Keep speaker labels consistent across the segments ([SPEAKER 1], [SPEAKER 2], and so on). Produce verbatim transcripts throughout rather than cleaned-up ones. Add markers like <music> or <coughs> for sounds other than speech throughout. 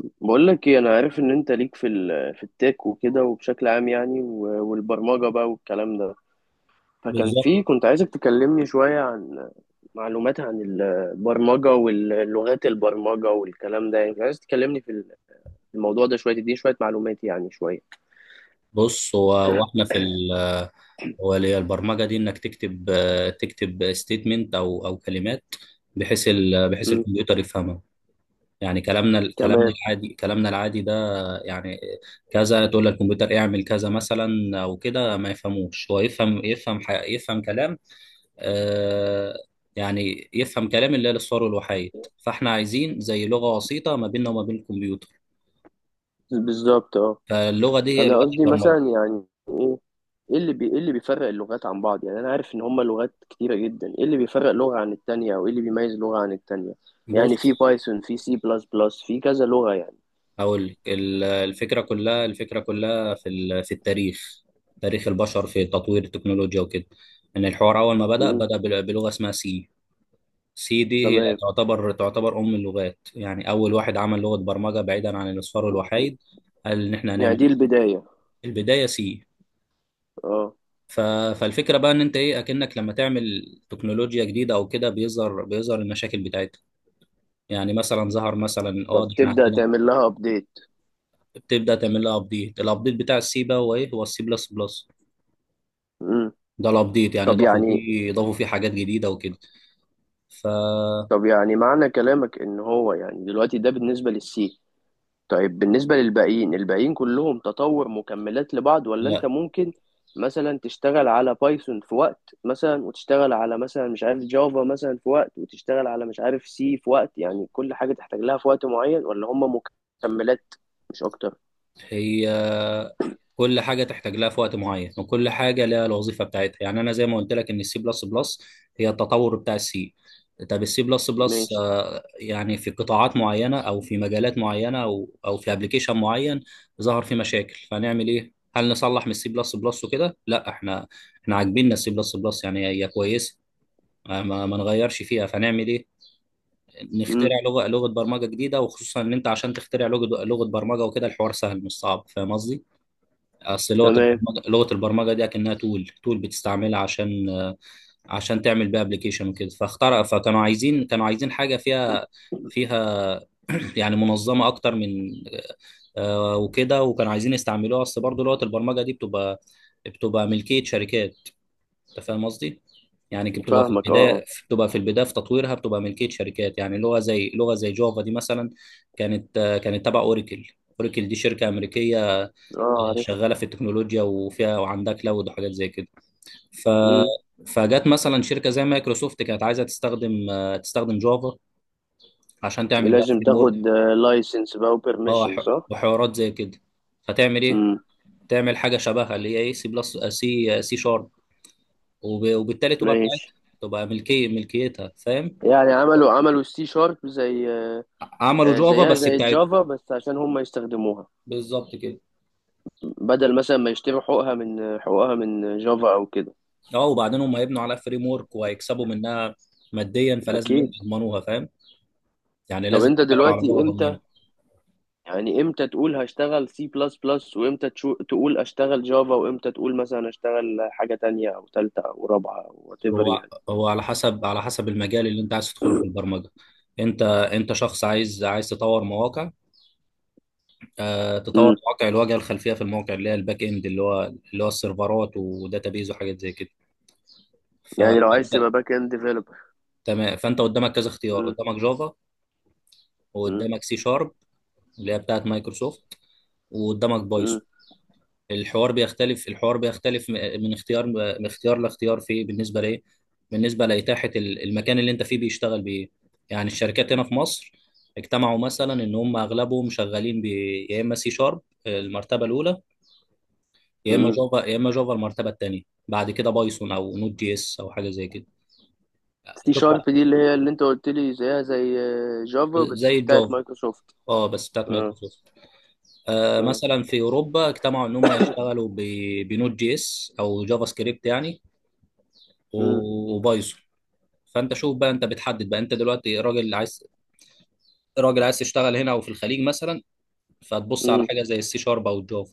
[SPEAKER 1] بقول لك ايه، انا عارف ان انت ليك في ال- في التك وكده وبشكل عام، يعني و- والبرمجه بقى والكلام ده. فكان
[SPEAKER 2] بالظبط.
[SPEAKER 1] في كنت عايزك تكلمني شويه عن معلومات عن البرمجه واللغات البرمجه والكلام ده، يعني كنت عايز تكلمني في الموضوع ده شويه، تديني شويه معلومات، يعني شويه.
[SPEAKER 2] بص، هو واحنا في ال هو اللي هي البرمجه دي، انك تكتب آه، تكتب ستيتمنت او او كلمات بحيث ال... بحيث
[SPEAKER 1] امم.
[SPEAKER 2] الكمبيوتر يفهمها. يعني كلامنا كلامنا
[SPEAKER 1] تمام.
[SPEAKER 2] العادي، كلامنا العادي ده. يعني كذا، تقول للكمبيوتر اعمل كذا مثلا، او كده ما يفهموش. هو يفهم يفهم ح... يفهم كلام، آه، يعني يفهم كلام اللي هي للصور والوحايد. فاحنا عايزين زي لغه وسيطه ما بيننا وما بين الكمبيوتر،
[SPEAKER 1] بالظبط، اه.
[SPEAKER 2] فاللغه دي هي
[SPEAKER 1] انا
[SPEAKER 2] لغه
[SPEAKER 1] قصدي مثلا
[SPEAKER 2] البرمجه.
[SPEAKER 1] يعني ايه اللي بي... ايه اللي بيفرق اللغات عن بعض؟ يعني انا عارف ان هما لغات كتيره جدا، ايه اللي بيفرق لغه عن التانية، او ايه اللي بيميز لغه عن التانية؟ يعني في
[SPEAKER 2] بص،
[SPEAKER 1] بايثون، في سي بلس بلس، في كذا لغه يعني.
[SPEAKER 2] أقول لك، ال- الفكرة كلها، الفكرة كلها في ال- في التاريخ، تاريخ البشر في تطوير التكنولوجيا وكده، إن الحوار أول ما بدأ
[SPEAKER 1] امم.
[SPEAKER 2] بدأ بل- بلغة اسمها سي. سي دي هي
[SPEAKER 1] تمام.
[SPEAKER 2] تعتبر تعتبر أم اللغات، يعني أول واحد عمل لغة برمجة بعيدا عن الأصفار والوحيد. قال إن إحنا
[SPEAKER 1] يعني دي
[SPEAKER 2] هنعمل،
[SPEAKER 1] البدايه.
[SPEAKER 2] البداية سي.
[SPEAKER 1] اه.
[SPEAKER 2] ف... فالفكرة بقى إن أنت إيه، أكنك لما تعمل تكنولوجيا جديدة أو كده بيظهر بيظهر المشاكل بتاعتها. يعني مثلا ظهر مثلا، اه ده احنا
[SPEAKER 1] فبتبدا
[SPEAKER 2] عندنا،
[SPEAKER 1] تعمل لها ابديت.
[SPEAKER 2] بتبدا تعمل لها ابديت. الابديت بتاع السي بقى هو ايه؟ هو السي بلس بلس.
[SPEAKER 1] امم.
[SPEAKER 2] ده الابديت، يعني
[SPEAKER 1] طب
[SPEAKER 2] ضافوا
[SPEAKER 1] يعني
[SPEAKER 2] فيه ضافوا فيه حاجات جديده وكده. فلا،
[SPEAKER 1] طب يعني معنى كلامك ان هو يعني دلوقتي ده بالنسبه للسي. طيب بالنسبة للباقيين الباقيين كلهم تطور، مكملات لبعض، ولا انت ممكن مثلا تشتغل على بايثون في وقت مثلا، وتشتغل على مثلا مش عارف جافا مثلا في وقت، وتشتغل على مش عارف سي في وقت، يعني كل حاجة تحتاج لها في وقت معين، ولا هم مكملات مش اكتر؟
[SPEAKER 2] هي كل حاجه تحتاج لها في وقت معين، وكل حاجه لها الوظيفه بتاعتها. يعني انا زي ما قلت لك ان السي بلس بلس هي التطور بتاع السي. طب السي بلس بلس،
[SPEAKER 1] ماشي.
[SPEAKER 2] يعني في قطاعات معينه او في مجالات معينه او او في ابلكيشن معين ظهر فيه مشاكل، فنعمل ايه؟ هل نصلح من السي بلس بلس وكده؟ لا، احنا احنا عاجبيننا السي بلس بلس، يعني هي كويسه، ما ما نغيرش فيها. فنعمل ايه؟
[SPEAKER 1] امم.
[SPEAKER 2] نخترع لغه لغه برمجه جديده. وخصوصا ان انت عشان تخترع لغه لغه برمجه وكده، الحوار سهل مش صعب، فاهم قصدي؟ اصل لغه
[SPEAKER 1] تمام.
[SPEAKER 2] البرمجه لغه البرمجه دي اكنها تول تول بتستعملها عشان، عشان تعمل بيها ابلكيشن وكده. فاخترع، فكانوا عايزين كانوا عايزين حاجه فيها فيها <clears throat> يعني منظمه اكتر من، آه، وكده. وكانوا عايزين يستعملوها. اصل برضه لغه البرمجه دي بتبقى بتبقى ملكيه شركات. انت فاهم قصدي؟ يعني كي بتبقى في
[SPEAKER 1] فاهمك، اه، اه.
[SPEAKER 2] البدايه بتبقى في البدايه في تطويرها، بتبقى ملكيه شركات. يعني لغه زي لغه زي جافا دي مثلا كانت، آه، كانت تبع اوراكل. اوراكل دي شركه امريكيه
[SPEAKER 1] اه، عارف.
[SPEAKER 2] شغاله في التكنولوجيا، وفيها وعندها كلاود وحاجات زي كده. ف،
[SPEAKER 1] امم.
[SPEAKER 2] فجت مثلا شركه زي مايكروسوفت كانت عايزه تستخدم، آه، تستخدم جافا عشان تعمل بقى
[SPEAKER 1] لازم
[SPEAKER 2] فريم
[SPEAKER 1] تاخد
[SPEAKER 2] ورك.
[SPEAKER 1] لايسنس بقى
[SPEAKER 2] اه
[SPEAKER 1] وبرميشن،
[SPEAKER 2] ح-
[SPEAKER 1] صح؟
[SPEAKER 2] وحوارات زي كده. فتعمل ايه؟
[SPEAKER 1] امم.
[SPEAKER 2] تعمل حاجه شبهها اللي هي ايه، سي بلس سي سي شارب. وب- وبالتالي تبقى
[SPEAKER 1] ماشي.
[SPEAKER 2] بتاعتها، تبقى ملكيه ملكيتها، فاهم؟
[SPEAKER 1] يعني عملوا عملوا السي شارب زي
[SPEAKER 2] عملوا
[SPEAKER 1] آه،
[SPEAKER 2] جافا
[SPEAKER 1] زيها
[SPEAKER 2] بس
[SPEAKER 1] زي
[SPEAKER 2] بتاعت،
[SPEAKER 1] جافا، بس عشان هم يستخدموها،
[SPEAKER 2] بالظبط كده.
[SPEAKER 1] بدل مثلا ما يشتروا حقوقها من حقوقها من جافا او كده.
[SPEAKER 2] اه، وبعدين هم هيبنوا على فريم ورك وهيكسبوا منها ماديا، فلازم إيه؟
[SPEAKER 1] اكيد.
[SPEAKER 2] يضمنوها، فاهم؟ يعني
[SPEAKER 1] طب
[SPEAKER 2] لازم
[SPEAKER 1] انت
[SPEAKER 2] تشتغل على لغه
[SPEAKER 1] دلوقتي
[SPEAKER 2] ضامنينها.
[SPEAKER 1] امتى، يعني امتى تقول هشتغل سي بلس بلس، وامتى تشو- تقول اشتغل جافا، وامتى تقول مثلا اشتغل حاجة تانية او تالتة او رابعة او وات ايفر
[SPEAKER 2] هو
[SPEAKER 1] يعني؟
[SPEAKER 2] هو على حسب، على حسب المجال اللي انت عايز تدخله في البرمجه. انت انت شخص عايز عايز تطور مواقع، آه تطور
[SPEAKER 1] امم.
[SPEAKER 2] مواقع، الواجهه الخلفيه في المواقع اللي هي الباك اند، اللي هو، اللي هو السيرفرات وداتابيز وحاجات زي كده.
[SPEAKER 1] يعني لو عايز تبقى
[SPEAKER 2] فانت،
[SPEAKER 1] باك اند ديفلوبر.
[SPEAKER 2] تمام، فانت قدامك كذا اختيار:
[SPEAKER 1] امم،
[SPEAKER 2] قدامك جافا،
[SPEAKER 1] امم،
[SPEAKER 2] وقدامك سي شارب اللي هي بتاعت مايكروسوفت، وقدامك
[SPEAKER 1] امم،
[SPEAKER 2] بايثون. الحوار بيختلف الحوار بيختلف م- من اختيار من اختيار لاختيار في، بالنسبه لايه؟ بالنسبه لاتاحه ال- المكان اللي انت فيه بيشتغل بايه. يعني الشركات هنا في مصر اجتمعوا مثلا ان هم اغلبهم شغالين ب، يا اما سي شارب المرتبه الاولى، يا اما
[SPEAKER 1] امم.
[SPEAKER 2] جافا، يا اما جافا المرتبه الثانيه. بعد كده بايثون او نود جي اس او حاجه زي كده.
[SPEAKER 1] سي شارب
[SPEAKER 2] تطلع
[SPEAKER 1] دي اللي هي اللي انت قلت لي زيها زي آه، جافا بس
[SPEAKER 2] زي
[SPEAKER 1] بتاعت
[SPEAKER 2] الجافا،
[SPEAKER 1] مايكروسوفت.
[SPEAKER 2] اه بس بتاعت
[SPEAKER 1] اه.
[SPEAKER 2] مايكروسوفت. آه
[SPEAKER 1] اه.
[SPEAKER 2] مثلا في اوروبا اجتمعوا ان هم يشتغلوا ب- بنود جي اس او جافا سكريبت يعني،
[SPEAKER 1] امم.
[SPEAKER 2] و- وبايثون. فانت شوف بقى، انت بتحدد بقى. انت دلوقتي راجل عايز، راجل عايز تشتغل هنا او في الخليج مثلا، فتبص على
[SPEAKER 1] امم.
[SPEAKER 2] حاجه زي السي شارب او الجافا.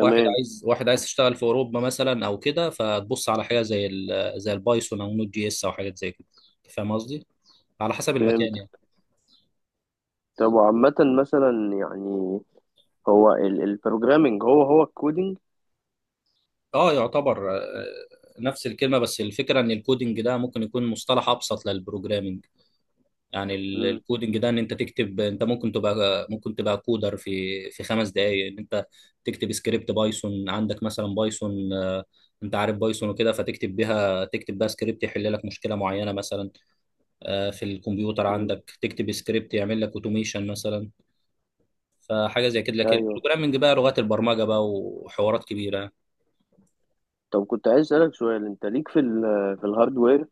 [SPEAKER 2] واحد عايز واحد عايز يشتغل في اوروبا مثلا او كده، فتبص على حاجه زي ال... زي البايثون او نوت جي اس او حاجات زي كده. فاهم قصدي؟ على حسب
[SPEAKER 1] فهمت.
[SPEAKER 2] المكان يعني.
[SPEAKER 1] طب وعامة مثلا يعني، هو البروجرامينج هو هو الكودينج؟
[SPEAKER 2] اه يعتبر، آه، نفس الكلمه، بس الفكره ان الكودينج ده ممكن يكون مصطلح ابسط للبروجرامينج. يعني ال-
[SPEAKER 1] امم.
[SPEAKER 2] الكودينج ده ان انت تكتب، انت ممكن تبقى ممكن تبقى كودر في، في خمس دقائق، ان انت تكتب سكريبت بايثون عندك مثلا. بايثون آه، انت عارف بايثون وكده، فتكتب بيها، تكتب بقى سكريبت يحل لك مشكله معينه مثلا، آه، في الكمبيوتر
[SPEAKER 1] امم.
[SPEAKER 2] عندك. تكتب سكريبت يعمل لك اوتوميشن مثلا، فحاجه زي كده. لكن
[SPEAKER 1] ايوه.
[SPEAKER 2] البروجرامنج بقى، لغات البرمجه بقى وحوارات كبيره.
[SPEAKER 1] طب كنت عايز اسألك سؤال، انت ليك في ال في الهاردوير؟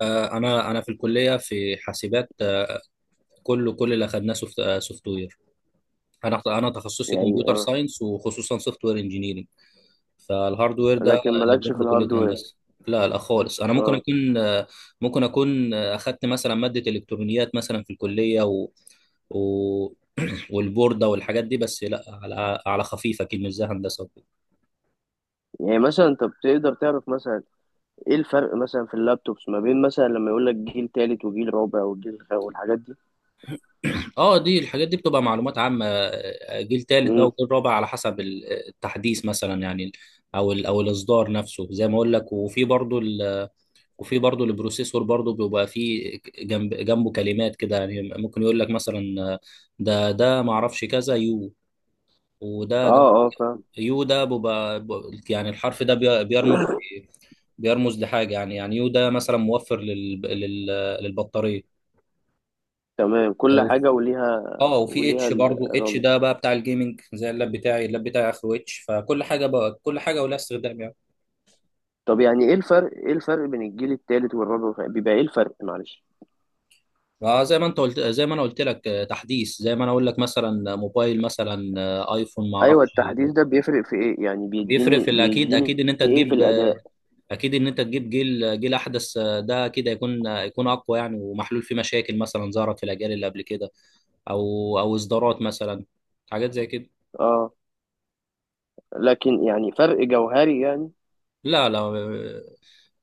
[SPEAKER 2] آه، انا انا في الكليه، في حاسبات، آه، كله، كل اللي اخدناه سوفت وير. انا انا تخصصي
[SPEAKER 1] يعني
[SPEAKER 2] كمبيوتر
[SPEAKER 1] اه.
[SPEAKER 2] ساينس، وخصوصا سوفت وير انجينيرنج. فالهاردوير ده
[SPEAKER 1] لكن
[SPEAKER 2] اللي
[SPEAKER 1] مالكش في
[SPEAKER 2] بياخده كلية
[SPEAKER 1] الهاردوير.
[SPEAKER 2] هندسة. لا لا خالص، انا ممكن
[SPEAKER 1] اه.
[SPEAKER 2] اكون، ممكن اكون اخدت مثلا مادة الكترونيات مثلا في الكلية، و... و... <clears throat> والبوردة والحاجات دي، بس لا، على، على خفيف، اكيد مش زي هندسة وكده.
[SPEAKER 1] يعني مثلا انت بتقدر تعرف مثلا ايه الفرق مثلا في اللابتوبس ما بين مثلا لما يقول لك جيل تالت وجيل رابع وجيل خ- والحاجات دي؟
[SPEAKER 2] <clears throat> اه دي الحاجات دي بتبقى معلومات عامة. آه، جيل تالت بقى
[SPEAKER 1] امم.
[SPEAKER 2] وجيل رابع على حسب ال- التحديث مثلا يعني، او ال... او الاصدار نفسه زي ما اقول لك. وفي برضو، وفي برضه البروسيسور برضه بيبقى فيه جنب، جنبه كلمات كده يعني، ممكن يقول لك مثلا ده ده ما اعرفش كذا يو،
[SPEAKER 1] اه،
[SPEAKER 2] وده جنب.
[SPEAKER 1] اه، فاهم.
[SPEAKER 2] يو ده بيبقى، بيبقى- يعني الحرف ده بي- بيرمز، بيرمز لحاجه. يعني، يعني يو ده مثلا موفر لل لل للبطاريه
[SPEAKER 1] تمام. كل
[SPEAKER 2] او
[SPEAKER 1] حاجة وليها
[SPEAKER 2] اه، وفي
[SPEAKER 1] وليها
[SPEAKER 2] اتش برضه. اتش
[SPEAKER 1] الرمز.
[SPEAKER 2] ده بقى بتاع الجيمنج. زي اللاب بتاعي، اللاب بتاعي اخره اتش. فكل حاجه بقى، كل حاجه ولها استخدام يعني.
[SPEAKER 1] طب يعني ايه الفرق ايه الفرق بين الجيل التالت والرابع بيبقى ايه الفرق؟ معلش.
[SPEAKER 2] اه زي ما انت قلت، زي ما انا قلت لك، آه، تحديث. زي ما انا اقول لك مثلا موبايل مثلا، آه، ايفون ما
[SPEAKER 1] ايوه.
[SPEAKER 2] اعرفش.
[SPEAKER 1] التحديث ده بيفرق في ايه يعني،
[SPEAKER 2] بيفرق
[SPEAKER 1] بيديني
[SPEAKER 2] في الاكيد،
[SPEAKER 1] بيديني
[SPEAKER 2] اكيد ان انت
[SPEAKER 1] ايه في
[SPEAKER 2] تجيب، آه،
[SPEAKER 1] الاداء؟
[SPEAKER 2] اكيد ان انت تجيب جيل، آه، جيل احدث، آه، ده كده يكون، آه، يكون اقوى يعني، ومحلول فيه مشاكل مثلا ظهرت في الاجيال اللي قبل كده، او او اصدارات مثلا، حاجات زي كده.
[SPEAKER 1] اه. لكن يعني فرق جوهري يعني؟
[SPEAKER 2] لا لا، آه،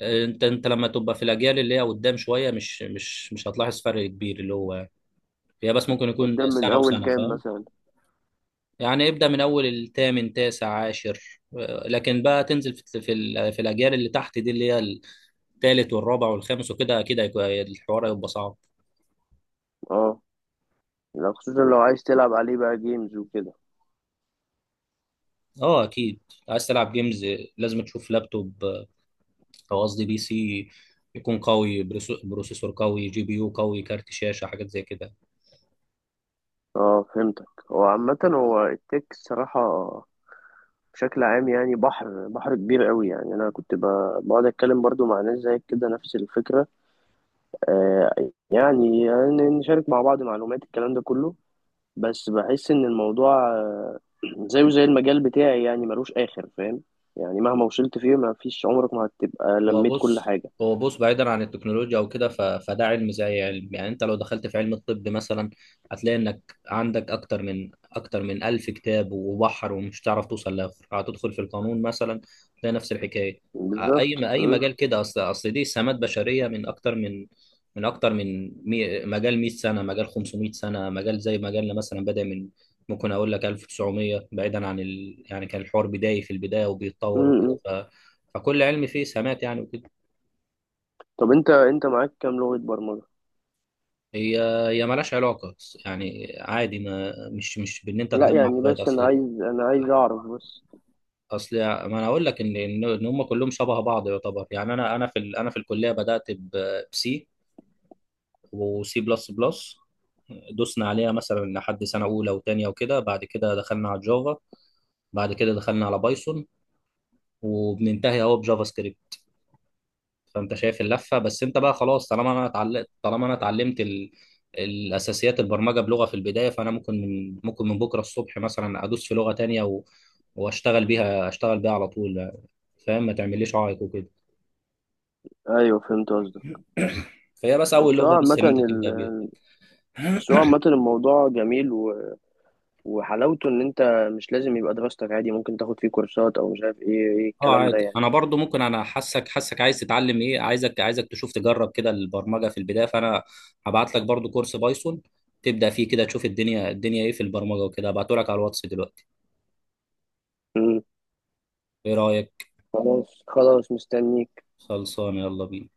[SPEAKER 2] آه، انت، انت لما تبقى في الاجيال اللي هي قدام شويه، مش مش مش هتلاحظ فرق كبير اللي هو يعني. هي بس ممكن يكون
[SPEAKER 1] قدام من
[SPEAKER 2] سنه
[SPEAKER 1] اول
[SPEAKER 2] وسنه،
[SPEAKER 1] كام
[SPEAKER 2] فاهم؟
[SPEAKER 1] مثلا؟
[SPEAKER 2] يعني ابدأ من أول الثامن، تاسع، عاشر، آه، لكن بقى تنزل في، في, ال- في الأجيال اللي تحت دي اللي هي الثالث والرابع والخامس وكده، أكيد هيكون، الحوار هيبقى صعب.
[SPEAKER 1] اه. لو خصوصا لو عايز تلعب عليه بقى جيمز وكده.
[SPEAKER 2] أه أكيد، عايز تلعب جيمز، لازم تشوف لابتوب، آه، أو قصدي بي سي، يكون قوي، بروس- بروسيسور قوي، جي بي يو قوي، كارت شاشة، حاجات زي كده.
[SPEAKER 1] اه، فهمتك. هو عامة هو التك الصراحة بشكل عام يعني، بحر بحر كبير قوي يعني. انا كنت ب- بقعد اتكلم برضو مع ناس زيك كده، نفس الفكرة. آه. يعني يعني نشارك مع بعض معلومات الكلام ده كله. بس بحس ان الموضوع زيه زي المجال بتاعي يعني، ملوش آخر فاهم. يعني مهما وصلت فيه ما فيش، عمرك ما هتبقى
[SPEAKER 2] هو
[SPEAKER 1] لميت كل
[SPEAKER 2] بص،
[SPEAKER 1] حاجة.
[SPEAKER 2] هو بص بعيدا عن التكنولوجيا او كده، ف- فده علم زي علم. يعني انت لو دخلت في علم الطب مثلا، هتلاقي انك عندك اكتر من اكتر من الف كتاب، وبحر، ومش هتعرف توصل لاخر. هتدخل في القانون مثلا، هتلاقي نفس الحكايه. ع-
[SPEAKER 1] بالظبط.
[SPEAKER 2] اي ما اي
[SPEAKER 1] م-
[SPEAKER 2] مجال كده. اصل اصل دي سمات بشريه من اكتر من من اكتر من، مي مجال مية سنه، مجال خمسمائة سنه. مجال زي مجالنا مثلا بدا من، ممكن اقول لك ألف وتسعمية، بعيدا عن ال... يعني كان الحوار بداية في البدايه
[SPEAKER 1] م-
[SPEAKER 2] وبيتطور وكده.
[SPEAKER 1] م.
[SPEAKER 2] فكل علم فيه سمات يعني وكده.
[SPEAKER 1] طب انت انت معاك كام لغة برمجة؟
[SPEAKER 2] هي هي مالهاش علاقه، بس يعني عادي، ما مش مش بان انت
[SPEAKER 1] لا
[SPEAKER 2] تجمع
[SPEAKER 1] يعني
[SPEAKER 2] لغايه.
[SPEAKER 1] بس انا
[SPEAKER 2] اصل،
[SPEAKER 1] عايز انا عايز اعرف بس.
[SPEAKER 2] اصل ما انا اقول لك ان، ان، إن هم كلهم شبه بعض يعتبر. يعني انا انا في ال- انا في الكليه بدات بسي وسي بلس بلس، دوسنا عليها مثلا لحد سنه اولى وثانيه وكده. بعد كده دخلنا على جافا، بعد كده دخلنا على بايثون، وبننتهي اهو بجافا سكريبت. فانت شايف اللفه. بس انت بقى خلاص، طالما انا اتعلمت طالما انا اتعلمت ال... الاساسيات، البرمجه بلغه في البدايه، فانا ممكن من، ممكن من بكره الصبح مثلا ادوس في لغه تانية، و... واشتغل بيها، اشتغل بيها على طول، فاهم؟ ما تعمليش عائق وكده.
[SPEAKER 1] ايوه، فهمت قصدك.
[SPEAKER 2] <coughs> فهي بس اول
[SPEAKER 1] بس هو
[SPEAKER 2] لغه بس
[SPEAKER 1] عامة
[SPEAKER 2] ان انت تبدا بيها.
[SPEAKER 1] ال- بس هو عامة الموضوع جميل و... وحلاوته ان انت مش لازم يبقى دراستك عادي، ممكن تاخد فيه كورسات او مش عارف ايه، ايه
[SPEAKER 2] اه
[SPEAKER 1] الكلام ده
[SPEAKER 2] عادي،
[SPEAKER 1] يعني.
[SPEAKER 2] انا برضو ممكن، انا حاسك، حاسك عايز تتعلم، ايه عايزك، عايزك تشوف تجرب كده البرمجه في البدايه. فانا هبعت لك برضو كورس بايثون تبدا فيه، كده تشوف الدنيا، الدنيا ايه في البرمجه وكده. هبعته لك على الواتس دلوقتي.
[SPEAKER 1] م.
[SPEAKER 2] ايه رايك؟
[SPEAKER 1] خلاص، خلاص، مستنيك.
[SPEAKER 2] خلصان، يلا بينا.